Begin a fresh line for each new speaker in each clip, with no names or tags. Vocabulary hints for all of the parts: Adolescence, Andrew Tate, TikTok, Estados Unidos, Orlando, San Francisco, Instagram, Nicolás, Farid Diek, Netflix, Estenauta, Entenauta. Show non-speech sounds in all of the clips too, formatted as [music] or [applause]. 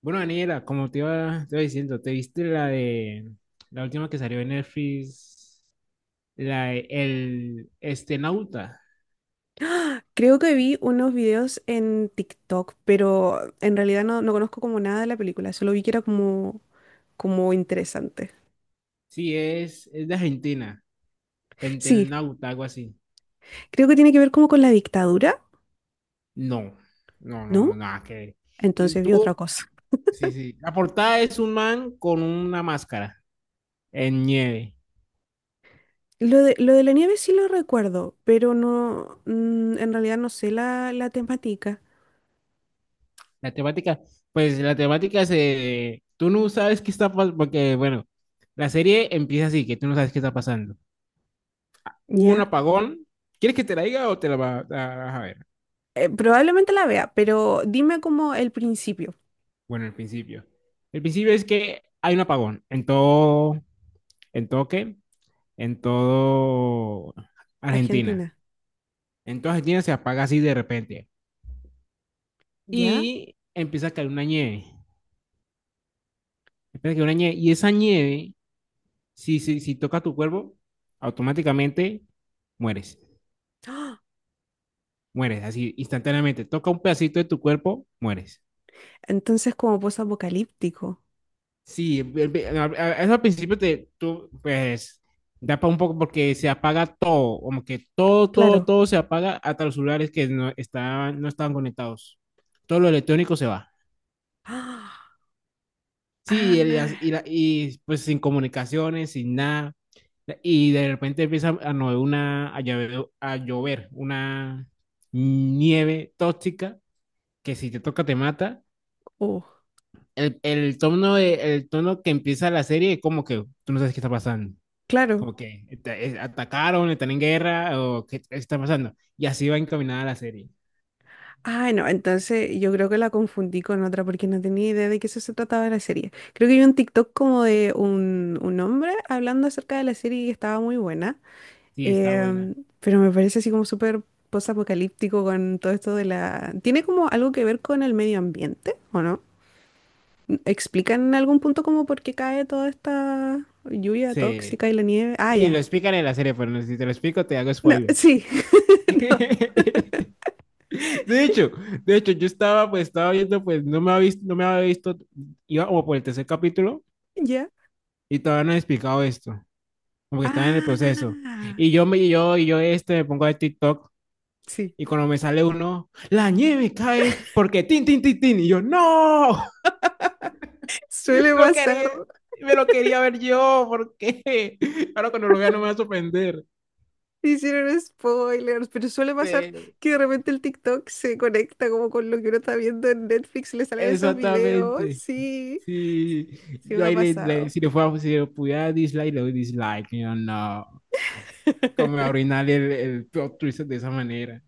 Bueno, Daniela, como te iba diciendo, ¿te viste la de la última que salió en Netflix? La de el Estenauta.
Creo que vi unos videos en TikTok, pero en realidad no conozco como nada de la película, solo vi que era como interesante.
Sí, es de Argentina.
Sí,
Entenauta, algo así.
creo que tiene que ver como con la dictadura,
No, no, no, no,
¿no?
nada que ver. Y
Entonces vi otra
tú,
cosa.
sí, sí. La portada es un man con una máscara en nieve.
Lo de la nieve sí lo recuerdo, pero no, en realidad no sé la temática,
La temática, pues la temática se... Tú no sabes qué está pasando, porque, bueno, la serie empieza así, que tú no sabes qué está pasando. Hubo un
¿ya?
apagón. ¿Quieres que te la diga o te la vas a ver?
Probablemente la vea, pero dime como el principio.
Bueno, el principio. El principio es que hay un apagón en todo qué, en todo Argentina.
Argentina,
En toda Argentina se apaga así de repente.
¿ya?
Y empieza a caer una nieve. Empieza a caer una nieve. Y esa nieve, si toca tu cuerpo, automáticamente mueres.
¡Ah!
Mueres así instantáneamente. Toca un pedacito de tu cuerpo, mueres.
Entonces como post-apocalíptico,
Sí, eso al principio te, tú, pues, da para un poco porque se apaga todo, como que todo, todo,
claro.
todo se apaga hasta los celulares que no estaban conectados. Todo lo electrónico se va.
¡Ah!
Sí, y,
Ah,
pues sin comunicaciones, sin nada. Y de repente empieza a, no, una, a llover, una nieve tóxica que si te toca te mata.
oh.
El tono de, el tono que empieza la serie es como que tú no sabes qué está pasando.
Claro.
Como que atacaron, están en guerra, o qué está pasando. Y así va encaminada la serie.
Ah, no, entonces yo creo que la confundí con otra porque no tenía idea de qué eso se trataba la serie. Creo que vi un TikTok como de un hombre hablando acerca de la serie y estaba muy buena.
Sí, está buena.
Pero me parece así como súper post-apocalíptico con todo esto ¿Tiene como algo que ver con el medio ambiente o no? ¿Explican en algún punto como por qué cae toda esta lluvia
Sí,
tóxica y la nieve? Ah,
sí, lo
ya.
explican en la serie, pero no, si te lo explico, te hago
No,
spoiler.
sí, [laughs] no,
[laughs] De hecho, de hecho, yo estaba, pues, estaba viendo, pues, no me había visto, iba como por el tercer capítulo
ya.
y todavía no he explicado esto, como que estaba en el proceso.
Ah,
Y yo me pongo a ver TikTok
sí.
y cuando me sale uno, la nieve cae porque tin, tin, tin, tin, y yo, no.
Suele
Lo
pasar.
quería, me lo quería ver yo, porque [laughs] ahora cuando lo vea no me va a sorprender.
Hicieron spoilers, pero suele pasar
Sí,
que de repente el TikTok se conecta como con lo que uno está viendo en Netflix, le salen esos videos,
exactamente.
sí,
Sí,
sí me
yo
ha
ahí
pasado.
si le fuera, si le pudiera dislike, le doy dislike, yo no. Como arruinar el plot twist de esa manera.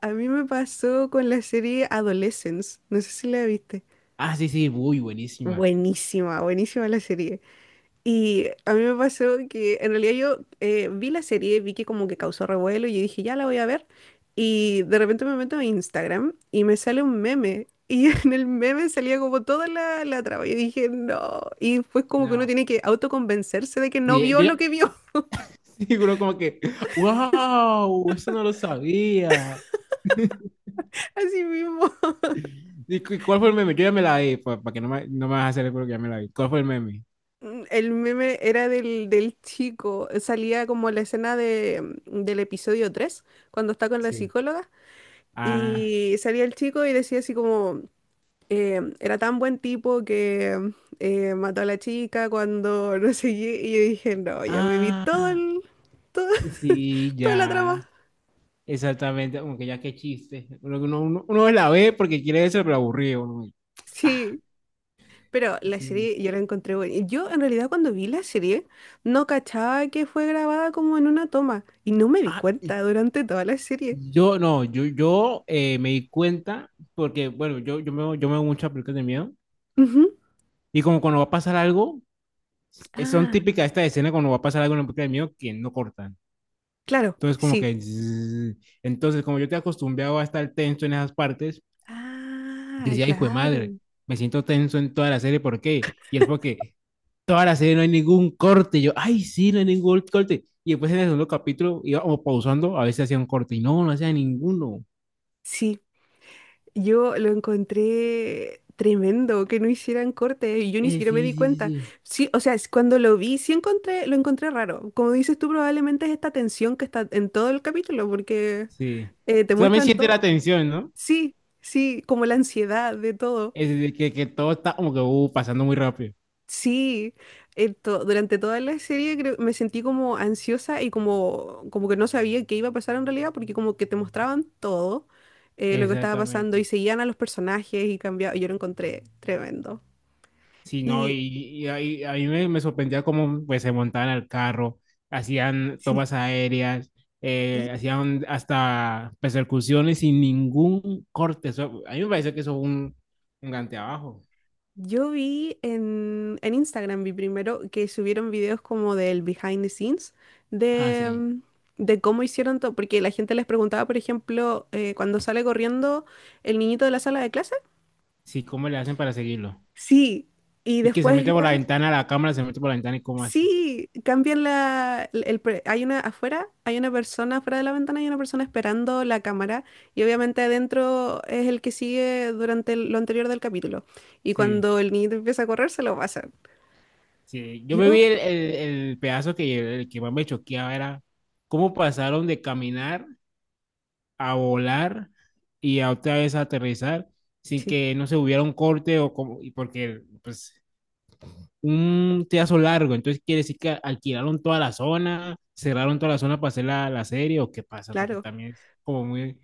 A mí me pasó con la serie Adolescence, no sé si la viste.
Ah, sí, sí, muy buenísima.
Buenísima, buenísima la serie. Y a mí me pasó que en realidad yo vi la serie, vi que como que causó revuelo y yo dije, ya la voy a ver. Y de repente me meto a Instagram y me sale un meme. Y [laughs] en el meme salía como toda la trama. Yo dije, no. Y fue como que uno
No.
tiene que autoconvencerse de que no
Sí,
vio
yo
lo
ya-
que vio.
[laughs] seguro como que, wow, eso no lo sabía.
[laughs] Así mismo.
¿Y cuál fue el meme? Yo ya me la vi, para que no me, no me vas a hacer el que ya me la vi. ¿Cuál fue el meme?
El meme era del chico. Salía como la escena del episodio 3 cuando está con la
Sí.
psicóloga.
Ah.
Y salía el chico y decía así como... era tan buen tipo que mató a la chica cuando [laughs] no sé qué, y yo dije, no, ya me vi
Ah.
todo-
Sí,
[laughs] toda la trama.
ya. Exactamente. Como que ya qué chiste. Uno, uno, uno la ve porque quiere eso, pero aburrido. Uno, y... Ah,
Sí, pero la
sí.
serie yo la encontré buena. Y yo en realidad cuando vi la serie no cachaba que fue grabada como en una toma y no me di
Ah,
cuenta durante toda la serie.
yo no, yo me di cuenta porque, bueno, yo me veo muchas películas de miedo.
Ujú.
Y como cuando va a pasar algo, son
Ah,
típicas esta escena cuando va a pasar algo en una película de miedo que no cortan.
claro,
Entonces, como
sí.
que... zzzz. Entonces, como yo te acostumbrado a estar tenso en esas partes, yo
Ah,
decía, hijo de madre,
claro.
me siento tenso en toda la serie, ¿por qué? Y es porque toda la serie no hay ningún corte. Y yo, ay, sí, no hay ningún corte. Y después en el segundo capítulo iba como pausando, a veces hacía un corte y no, no hacía ninguno.
Sí. Yo lo encontré tremendo que no hicieran corte y yo ni siquiera me
Sí,
di
sí, sí,
cuenta.
sí.
Sí, o sea, es cuando lo vi, sí encontré, lo encontré raro. Como dices tú, probablemente es esta tensión que está en todo el capítulo porque
Sí.
te
O sea, me
muestran
siente la
todo.
tensión, ¿no?
Sí, sí, como la ansiedad de todo.
Es de que todo está como que pasando muy rápido.
Sí, durante toda la serie me sentí como ansiosa y como que no sabía qué iba a pasar en realidad, porque como que te mostraban todo lo que estaba pasando y
Exactamente.
seguían a los personajes y cambiaba. Yo lo encontré tremendo.
Sí, no, y,
Y
a mí me, me sorprendía cómo pues, se montaban al carro, hacían tomas
sí,
aéreas,
y
hacían hasta persecuciones sin ningún corte. Eso a mí me pareció que eso fue un gante abajo.
yo vi en Instagram, vi primero que subieron videos como del behind the scenes
Ah,
de,
sí.
mm, de cómo hicieron todo, porque la gente les preguntaba, por ejemplo, cuando sale corriendo el niñito de la sala de clase.
Sí, ¿cómo le hacen para seguirlo?
Sí, y
Y que se
después
mete por la
igual,
ventana, la cámara se mete por la ventana y cómo hace.
sí, cambian la, el pre- hay una afuera, hay una persona afuera de la ventana, hay una persona esperando la cámara y obviamente adentro es el que sigue durante lo anterior del capítulo. Y
Sí,
cuando el niñito empieza a correr, se lo pasan.
sí. Yo me
Yo,
vi el pedazo que, el que más me choqueaba era cómo pasaron de caminar a volar y a otra vez a aterrizar sin
sí,
que no se hubiera un corte o como, y porque pues un pedazo largo, entonces quiere decir que alquilaron toda la zona, cerraron toda la zona para hacer la serie o qué pasa, porque
claro.
también es como muy...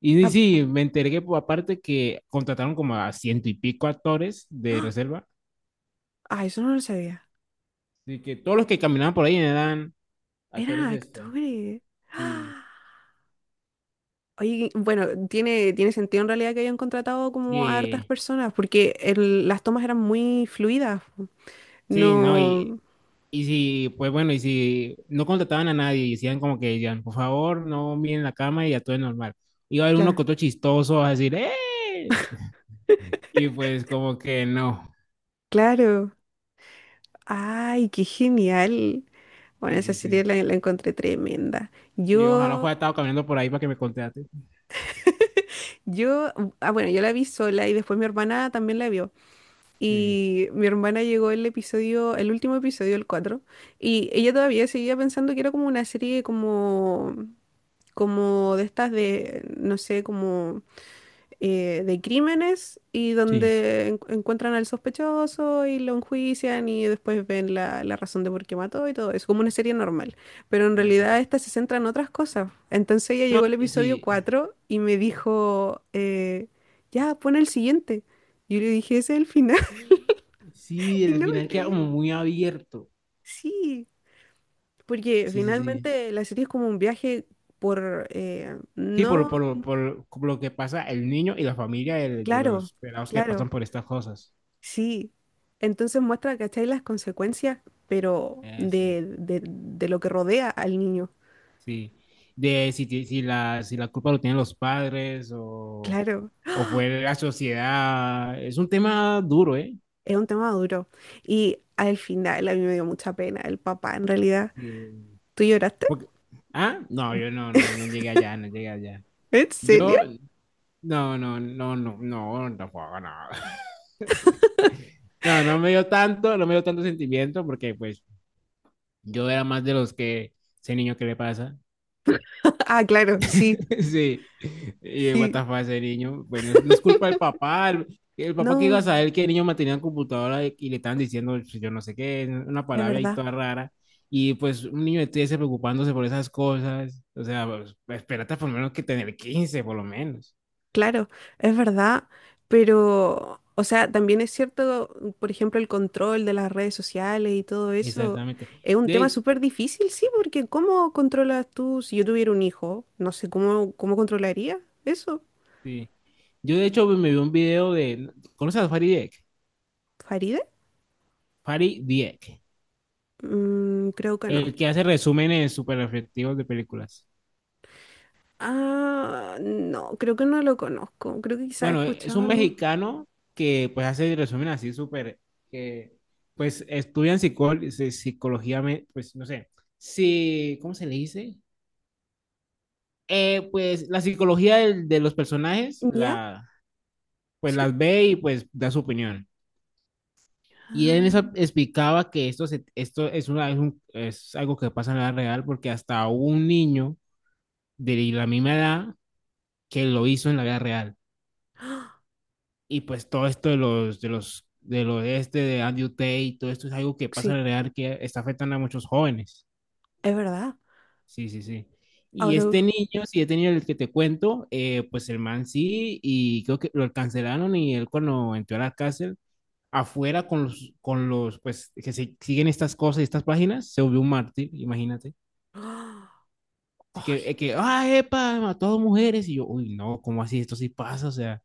Y
Ah,
sí, me enteré por aparte que contrataron como a ciento y pico actores de
¡ah!
reserva.
Ah, eso no lo sabía.
Así que todos los que caminaban por ahí eran actores
Eran
este.
actores. [gasps]
Sí,
¡Ah! Oye, bueno, tiene sentido en realidad que hayan contratado
sí,
como a hartas personas, porque las tomas eran muy fluidas.
sí, no,
No.
y si, pues bueno, y si no contrataban a nadie y decían por favor, no miren la cama y actúen normal. Iba a haber uno
Claro.
que otro chistoso a decir, ¡eh! Y pues como que no.
Claro. Ay, qué genial. Bueno,
Sí,
esa
sí,
serie
sí.
la encontré tremenda.
Sí, ojalá
Yo,
fuera estado caminando por ahí para que me contrate.
yo, ah, bueno, yo la vi sola y después mi hermana también la vio.
Sí,
Y mi hermana llegó el episodio, el último episodio, el 4 y ella todavía seguía pensando que era como una serie como de estas de, no sé, como de crímenes y
sí.
donde encuentran al sospechoso y lo enjuician y después ven la razón de por qué mató y todo eso, como una serie normal. Pero en realidad
Exacto.
esta se centra en otras cosas. Entonces ella
No,
llegó al episodio
sí.
4 y me dijo, ya, pon el siguiente. Yo le dije, ese es el final. [laughs]
Sí,
Y
el
no me
final queda
creía.
como muy abierto.
Sí, porque
Sí, sí, sí.
finalmente la serie es como un viaje por,
Sí, por,
no,
por, por, lo que pasa el niño y la familia de
claro,
los pelados que
claro.
pasan por estas cosas.
Sí, entonces muestra, ¿cachai? Las consecuencias, pero
Sí.
de lo que rodea al niño.
Sí. De si la culpa lo tienen los padres
Claro,
o fue la sociedad. Es un tema duro, ¿eh?
es un tema duro. Y al final a mí me dio mucha pena el papá, en realidad.
Sí.
¿Tú lloraste?
Porque... ah, no, yo no, no, no llegué allá.
¿En serio?
Yo,
[laughs]
no, no, no, no, no, no, no, [laughs] no. No, no me dio tanto sentimiento porque pues yo era más de los que, ese niño, ¿qué le pasa?
Ah, claro, sí,
[laughs] Sí, y what the
sí.
fuck, ese niño, bueno, no es culpa del papá, el papá que iba a
No,
saber que el niño mantenía la computadora y le estaban diciendo pues, yo no sé qué, una
es
palabra ahí
verdad.
toda rara, y pues un niño de 13 preocupándose por esas cosas, o sea, pues, espérate por lo menos que tener 15 por lo menos,
Claro, es verdad, pero, o sea, también es cierto, por ejemplo, el control de las redes sociales y todo eso
exactamente.
es un tema
De,
súper difícil, sí, porque ¿cómo controlas tú si yo tuviera un hijo? No sé, ¿cómo controlaría eso?
sí. Yo de hecho me vi un video de, ¿conoces a Farid Diek?
¿Faride?
Farid Diek.
Mm, creo que no.
El que hace resúmenes súper efectivos de películas.
Ah, no, creo que no lo conozco. Creo que quizás he
Bueno, es
escuchado
un
algo.
mexicano que pues hace resúmenes así súper, que pues estudian psicología, pues no sé, si, ¿cómo se le dice? Pues la psicología de los personajes,
¿Ya?
la, pues
Sí.
las ve y pues da su opinión. Y él en eso
Ah,
explicaba que esto, esto es, una, es, es algo que pasa en la vida real porque hasta un niño de la misma edad que lo hizo en la vida real. Y pues todo esto del oeste, de este, de Andrew Tate, y todo esto es algo que pasa en
sí,
la realidad que está afectando a muchos jóvenes.
es verdad.
Sí, sí, sí. Y este
Ahora,
niño, si he tenido el que te cuento, pues el man sí, y creo que lo cancelaron y él cuando entró a la cárcel, afuera con los, pues, que se, siguen estas cosas y estas páginas, se volvió un mártir, imagínate.
¡Ah!
Así que,
Ay,
ah, epa, mató a dos mujeres, y yo, uy, no, ¿cómo así? Esto sí pasa, o sea,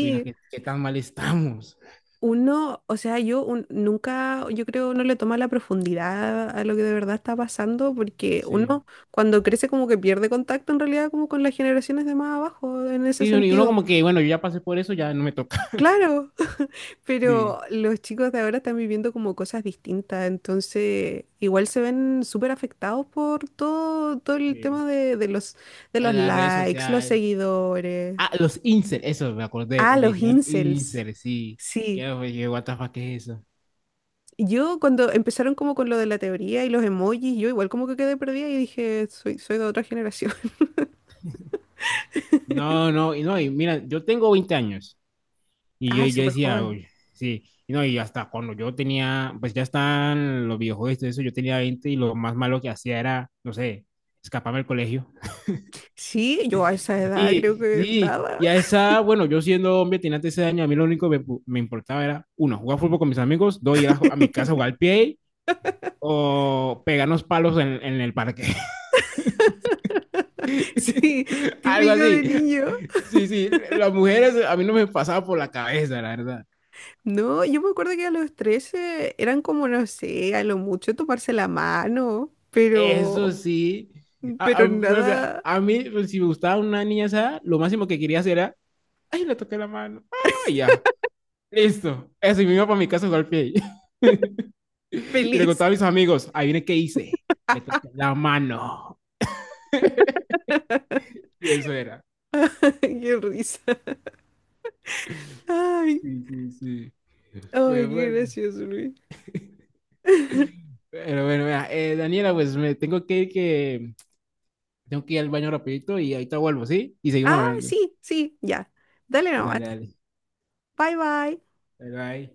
uy, no, ¿qué, qué tan mal estamos?
Uno, o sea, yo nunca, yo creo, no le toma la profundidad a lo que de verdad está pasando, porque
Sí.
uno cuando crece como que pierde contacto en realidad como con las generaciones de más abajo, en ese
Sí, y uno
sentido.
como que, bueno, yo ya pasé por eso, ya no me toca. [laughs]
Claro. [laughs] Pero
Sí.
los chicos de ahora están viviendo como cosas distintas, entonces igual se ven súper afectados por todo, todo el
Sí.
tema de los
En las redes
likes, los
sociales.
seguidores.
Ah, los inserts, eso me acordé,
Ah,
le
los
hicieron
incels.
inserts, sí.
Sí.
¿Qué, oye, what the fuck, ¿qué es eso?
Yo cuando empezaron como con lo de la teoría y los emojis, yo igual como que quedé perdida y dije, soy de otra generación. [laughs]
No, no, y no, y mira, yo tengo 20 años
Ay,
yo
súper
decía,
joven.
oye, sí, y no, y hasta cuando yo tenía, pues ya están los videojuegos y todo eso, yo tenía 20 y lo más malo que hacía era, no sé, escaparme del colegio.
Sí, yo a esa edad creo
Y
que
sí,
nada.
y a
[laughs]
esa, bueno, yo siendo hombre, tenía 13 años, a mí lo único que me importaba era, uno, jugar fútbol con mis amigos, dos, ir a mi casa a jugar al pie o pegarnos palos en el parque.
Sí,
[laughs] Algo
típico
así.
de niño.
Sí, sí, las mujeres a mí no me pasaba por la cabeza, la verdad.
No, yo me acuerdo que a los 13 eran como, no sé, a lo mucho tomarse la mano,
Eso
pero,
sí,
pero nada
a mí, pues, si me gustaba una niña esa, lo máximo que quería hacer era, ay, le toqué la mano, ay, ya. Listo. Eso, y me iba para mi casa a jugar play. [laughs] Y le
feliz.
contaba a mis amigos, ahí viene qué hice. Le corté la mano. [laughs]
[laughs]
Y eso era.
Qué risa. Ay,
Sí, sí, sí.
ay,
Pues
qué
bueno,
gracioso, Luis.
pero bueno, vea, Daniela, pues me tengo que ir que tengo que ir al baño rapidito y ahorita vuelvo, ¿sí? Y seguimos
Ah,
hablando.
sí, sí, ya. Dale nomás.
Dale, dale.
Bye, bye.
Bye, bye.